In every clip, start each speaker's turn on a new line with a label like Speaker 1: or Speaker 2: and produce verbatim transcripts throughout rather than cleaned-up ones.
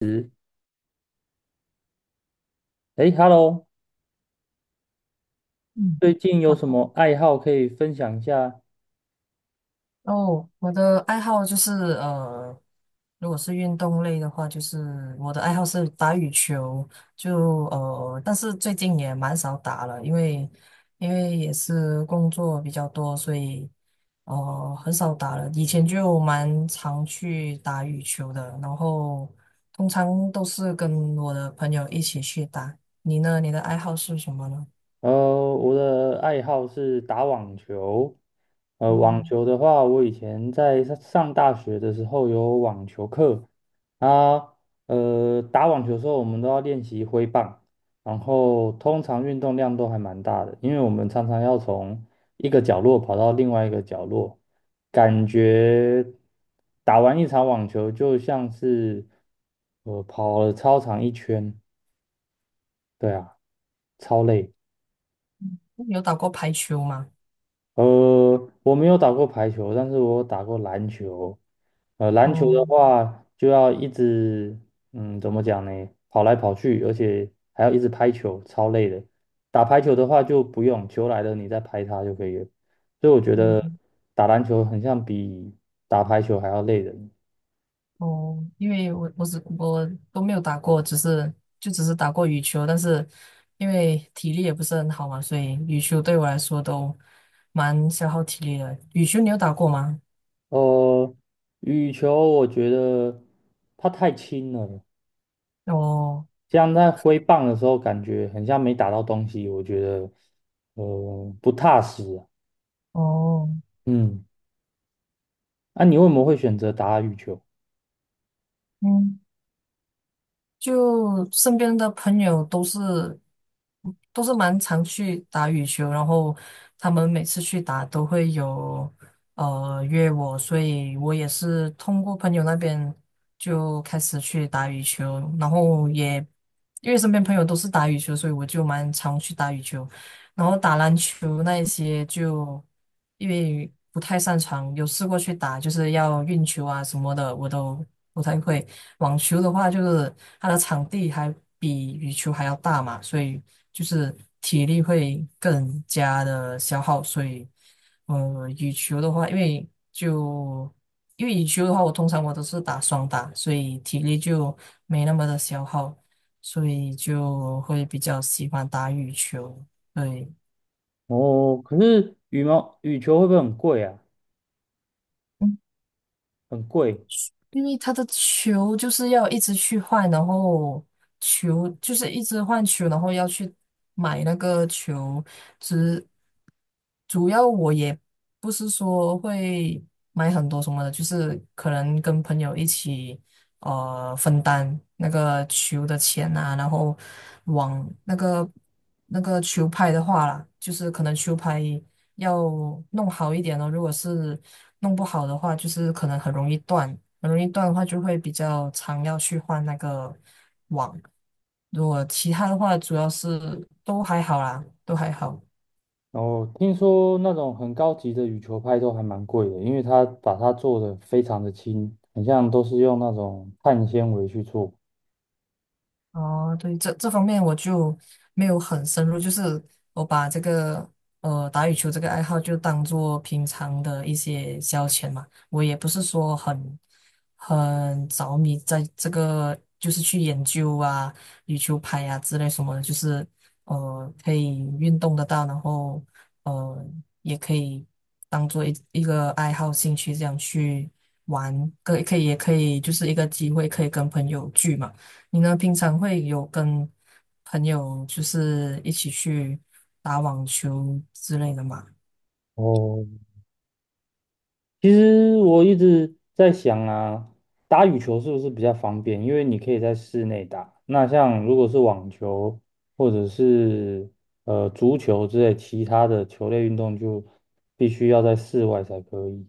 Speaker 1: 哎， h e l l o。
Speaker 2: 嗯，
Speaker 1: 最近有
Speaker 2: 好。
Speaker 1: 什么爱好可以分享一下？
Speaker 2: 哦，我的爱好就是呃，如果是运动类的话，就是我的爱好是打羽球，就呃，但是最近也蛮少打了，因为因为也是工作比较多，所以呃很少打了。以前就蛮常去打羽球的，然后通常都是跟我的朋友一起去打。你呢？你的爱好是什么呢？
Speaker 1: 呃，我的爱好是打网球。呃，网
Speaker 2: 嗯，
Speaker 1: 球的话，我以前在上上大学的时候有网球课啊。呃，打网球的时候，我们都要练习挥棒，然后通常运动量都还蛮大的，因为我们常常要从一个角落跑到另外一个角落，感觉打完一场网球就像是呃跑了操场一圈。对啊，超累。
Speaker 2: 有打过排球吗？
Speaker 1: 呃，我没有打过排球，但是我打过篮球。呃，篮球
Speaker 2: 哦。
Speaker 1: 的话就要一直，嗯，怎么讲呢？跑来跑去，而且还要一直拍球，超累的。打排球的话就不用，球来了你再拍它就可以了。所以我觉得
Speaker 2: 嗯。
Speaker 1: 打篮球很像比打排球还要累人。
Speaker 2: 哦，因为我我只我都没有打过，只是就只是打过羽球，但是因为体力也不是很好嘛，所以羽球对我来说都蛮消耗体力的。羽球你有打过吗？
Speaker 1: 呃，羽球我觉得它太轻了，
Speaker 2: 哦
Speaker 1: 这样在挥棒的时候，感觉很像没打到东西，我觉得呃不踏实啊。
Speaker 2: 哦，
Speaker 1: 嗯，那、你为什么会选择打羽球？
Speaker 2: 嗯。就身边的朋友都是都是蛮常去打羽球，然后他们每次去打都会有呃约我，所以我也是通过朋友那边就开始去打羽球，然后也因为身边朋友都是打羽球，所以我就蛮常去打羽球。然后打篮球那一些就因为不太擅长，有试过去打，就是要运球啊什么的，我都不太会。网球的话，就是它的场地还比羽球还要大嘛，所以就是体力会更加的消耗。所以，呃，羽球的话，因为就因为羽球的话，我通常我都是打双打，所以体力就没那么的消耗，所以就会比较喜欢打羽球。对，
Speaker 1: 哦，可是羽毛羽球会不会很贵啊？
Speaker 2: 嗯
Speaker 1: 很贵。
Speaker 2: 因为他的球就是要一直去换，然后球就是一直换球，然后要去买那个球。只主要我也不是说会买很多什么的，就是可能跟朋友一起呃分担那个球的钱啊，然后往那个那个球拍的话啦，就是可能球拍。要弄好一点哦。如果是弄不好的话，就是可能很容易断，很容易断的话就会比较常要去换那个网。如果其他的话，主要是都还好啦，都还好。
Speaker 1: 哦，听说那种很高级的羽球拍都还蛮贵的，因为它把它做的非常的轻，很像都是用那种碳纤维去做。
Speaker 2: 哦，对，这这方面我就没有很深入，就是我把这个呃打羽球这个爱好就当做平常的一些消遣嘛，我也不是说很很着迷在这个，就是去研究啊羽球拍啊之类什么的，就是呃可以运动得到，然后呃也可以当做一一个爱好兴趣这样去玩，可以可以也可以就是一个机会可以跟朋友聚嘛。你呢，平常会有跟朋友就是一起去打网球之类的吗？
Speaker 1: 哦，其实我一直在想啊，打羽球是不是比较方便？因为你可以在室内打。那像如果是网球或者是呃足球之类其他的球类运动，就必须要在室外才可以。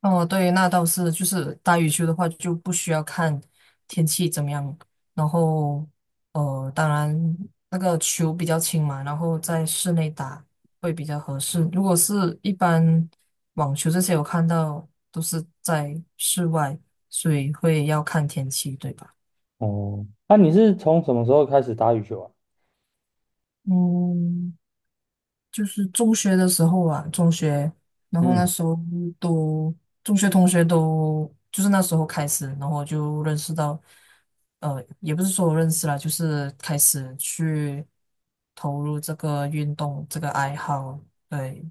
Speaker 2: 哦，对，那倒是，就是打羽球的话就不需要看天气怎么样，然后呃，当然那个球比较轻嘛，然后在室内打会比较合适。如果是一般网球这些，我看到都是在室外，所以会要看天气，对吧？
Speaker 1: 哦，那你是从什么时候开始打羽球啊？
Speaker 2: 嗯，就是中学的时候啊，中学，然后那
Speaker 1: 嗯，
Speaker 2: 时候都中学同学都就是那时候开始，然后就认识到，呃，也不是说我认识了，就是开始去投入这个运动这个爱好，对，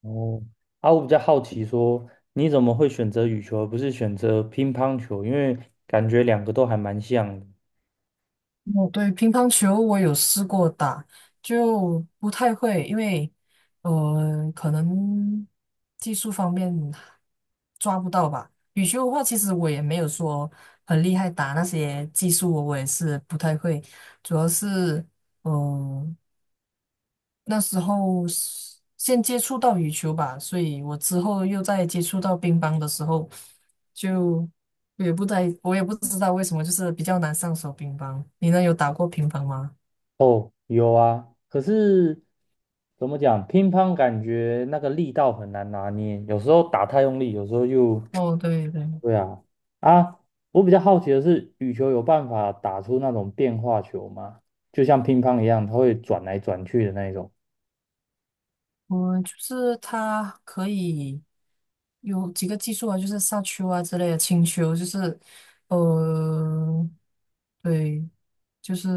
Speaker 1: 哦，啊，我比较好奇说，你怎么会选择羽球而不是选择乒乓球？因为感觉两个都还蛮像的。
Speaker 2: 哦，对，乒乓球我有试过打，就不太会，因为呃，可能技术方面抓不到吧。羽球的话，其实我也没有说很厉害，打那些技术我也是不太会，主要是嗯、呃那时候是先接触到羽球吧，所以我之后又在接触到乒乓的时候，就我也不在，我也不知道为什么，就是比较难上手乒乓。你呢，有打过乒乓吗？
Speaker 1: 哦，有啊，可是怎么讲，乒乓感觉那个力道很难拿捏，有时候打太用力，有时候又，
Speaker 2: 哦，对对，
Speaker 1: 对啊。啊，我比较好奇的是，羽球有办法打出那种变化球吗？就像乒乓一样，它会转来转去的那一种。
Speaker 2: 我就是它可以有几个技术啊，就是杀球啊之类的，轻球就是，呃，对，就是。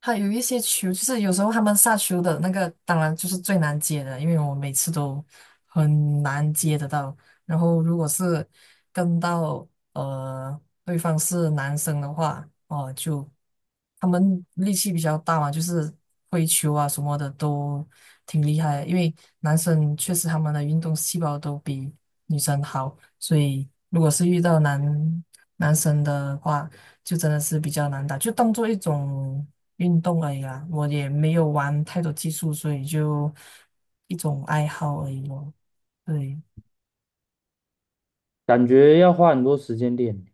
Speaker 2: 还有一些球，就是有时候他们下球的那个，当然就是最难接的，因为我每次都很难接得到。然后如果是跟到呃对方是男生的话，哦、就他们力气比较大嘛，就是挥球啊什么的都挺厉害的，因为男生确实他们的运动细胞都比女生好，所以如果是遇到男男生的话，就真的是比较难打，就当做一种运动而已啦。我也没有玩太多技术，所以就一种爱好而已咯。对。
Speaker 1: 感觉要花很多时间练。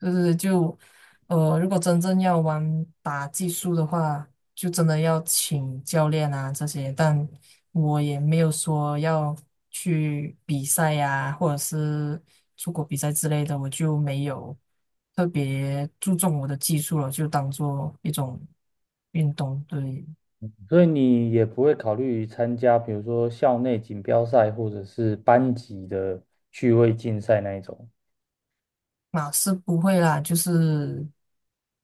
Speaker 2: 就是就呃，如果真正要玩打技术的话，就真的要请教练啊这些。但我也没有说要去比赛呀、或者是出国比赛之类的，我就没有特别注重我的技术了，就当做一种运动，对。
Speaker 1: 所以你也不会考虑参加，比如说校内锦标赛或者是班级的趣味竞赛那一种。
Speaker 2: 马是不会啦，就是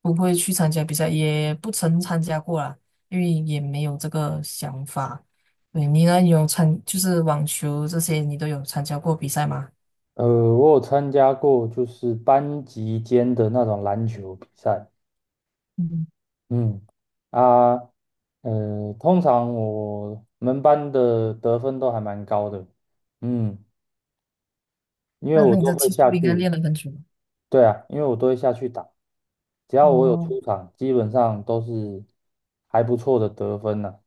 Speaker 2: 不会去参加比赛，也不曾参加过啦，因为也没有这个想法。对，你呢？有参，就是网球这些，你都有参加过比赛吗？
Speaker 1: 呃，我有参加过就是班级间的那种篮球比赛。
Speaker 2: 嗯，
Speaker 1: 嗯，啊，呃，通常我们班的得分都还蛮高的。嗯，因为
Speaker 2: 那
Speaker 1: 我
Speaker 2: 那你
Speaker 1: 都
Speaker 2: 的
Speaker 1: 会
Speaker 2: 技术
Speaker 1: 下
Speaker 2: 不应该
Speaker 1: 去。
Speaker 2: 练了很久吧？
Speaker 1: 对啊，因为我都会下去打，只要我有
Speaker 2: 哦，
Speaker 1: 出场，基本上都是还不错的得分呢。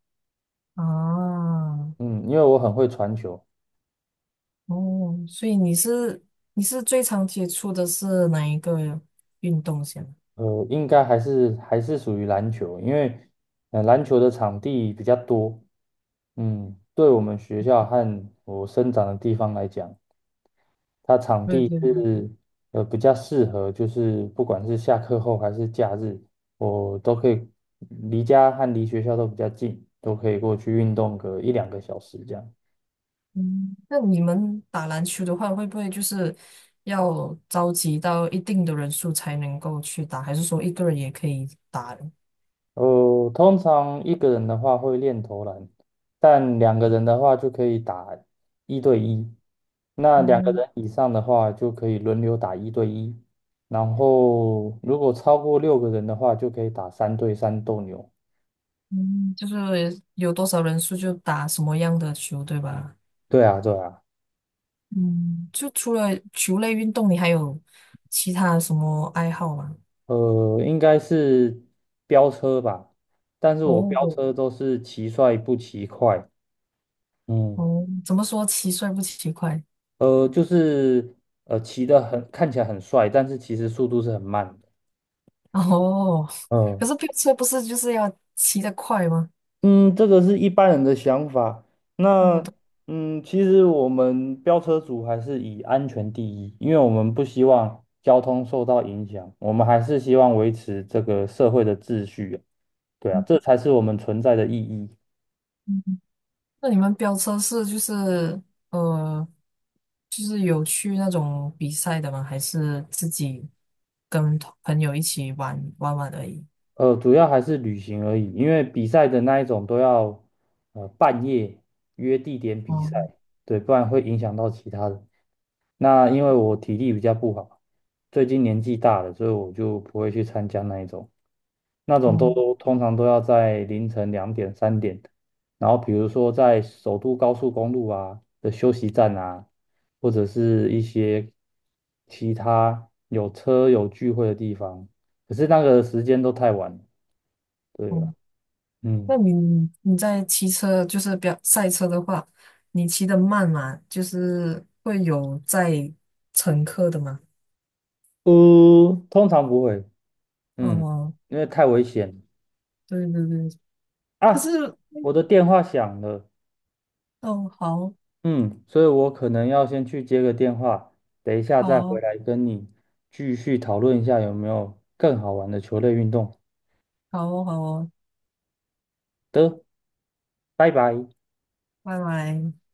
Speaker 2: 啊，
Speaker 1: 嗯，因为我很会传球。
Speaker 2: 哦，所以你是你是最常接触的是哪一个运动先？
Speaker 1: 呃，应该还是还是属于篮球，因为呃篮球的场地比较多。嗯，对我们学校和我生长的地方来讲，它场
Speaker 2: 对
Speaker 1: 地
Speaker 2: 对，
Speaker 1: 是呃比较适合，就是不管是下课后还是假日，我都可以离家和离学校都比较近，都可以过去运动个一两个小时这样。
Speaker 2: 嗯，那你们打篮球的话，会不会就是要召集到一定的人数才能够去打，还是说一个人也可以打的？
Speaker 1: 呃，通常一个人的话会练投篮，但两个人的话就可以打一对一。那两个
Speaker 2: 哦，
Speaker 1: 人以上的话就可以轮流打一对一，然后如果超过六个人的话，就可以打三对三斗牛。
Speaker 2: 嗯，就是有多少人数就打什么样的球，对吧？
Speaker 1: 对啊，对啊。
Speaker 2: 嗯，就除了球类运动，你还有其他什么爱好吗？
Speaker 1: 呃，应该是飙车吧，但是我飙
Speaker 2: 哦
Speaker 1: 车都是骑帅不骑快。嗯，
Speaker 2: 哦，怎么说骑帅不骑快？
Speaker 1: 呃，就是呃骑得很看起来很帅，但是其实速度是很慢的。
Speaker 2: 哦，可
Speaker 1: 嗯。
Speaker 2: 是飙车不是就是要骑得快吗？
Speaker 1: 嗯，这个是一般人的想法。
Speaker 2: 我
Speaker 1: 那
Speaker 2: 的。
Speaker 1: 嗯，其实我们飙车族还是以安全第一，因为我们不希望交通受到影响，我们还是希望维持这个社会的秩序啊。对啊，这才是我们存在的意义。
Speaker 2: 那你们飙车是就是呃，就是有去那种比赛的吗？还是自己跟同朋友一起玩玩玩而已？
Speaker 1: 呃，主要还是旅行而已，因为比赛的那一种都要呃半夜约地点比赛。
Speaker 2: 哦
Speaker 1: 对，不然会影响到其他人。那因为我体力比较不好，最近年纪大了，所以我就不会去参加那一种。那种
Speaker 2: 哦
Speaker 1: 都通常都要在凌晨两点、三点的，然后比如说在首都高速公路啊的休息站啊，或者是一些其他有车有聚会的地方，可是那个时间都太晚了。对
Speaker 2: 哦，
Speaker 1: 啊。
Speaker 2: 那
Speaker 1: 嗯，
Speaker 2: 你你在骑车就是飙赛车的话，你骑得慢嘛，就是会有载乘客的吗？
Speaker 1: 呃，通常不会。嗯，
Speaker 2: 哦，
Speaker 1: 因为太危险
Speaker 2: 对对对，可是
Speaker 1: 啊。我的电话响了。
Speaker 2: 哦，好，
Speaker 1: 嗯，所以我可能要先去接个电话，等一下再回
Speaker 2: 好
Speaker 1: 来跟你继续讨论一下有没有更好玩的球类运动
Speaker 2: 好哦，好哦，
Speaker 1: 的。拜拜。
Speaker 2: 拜拜。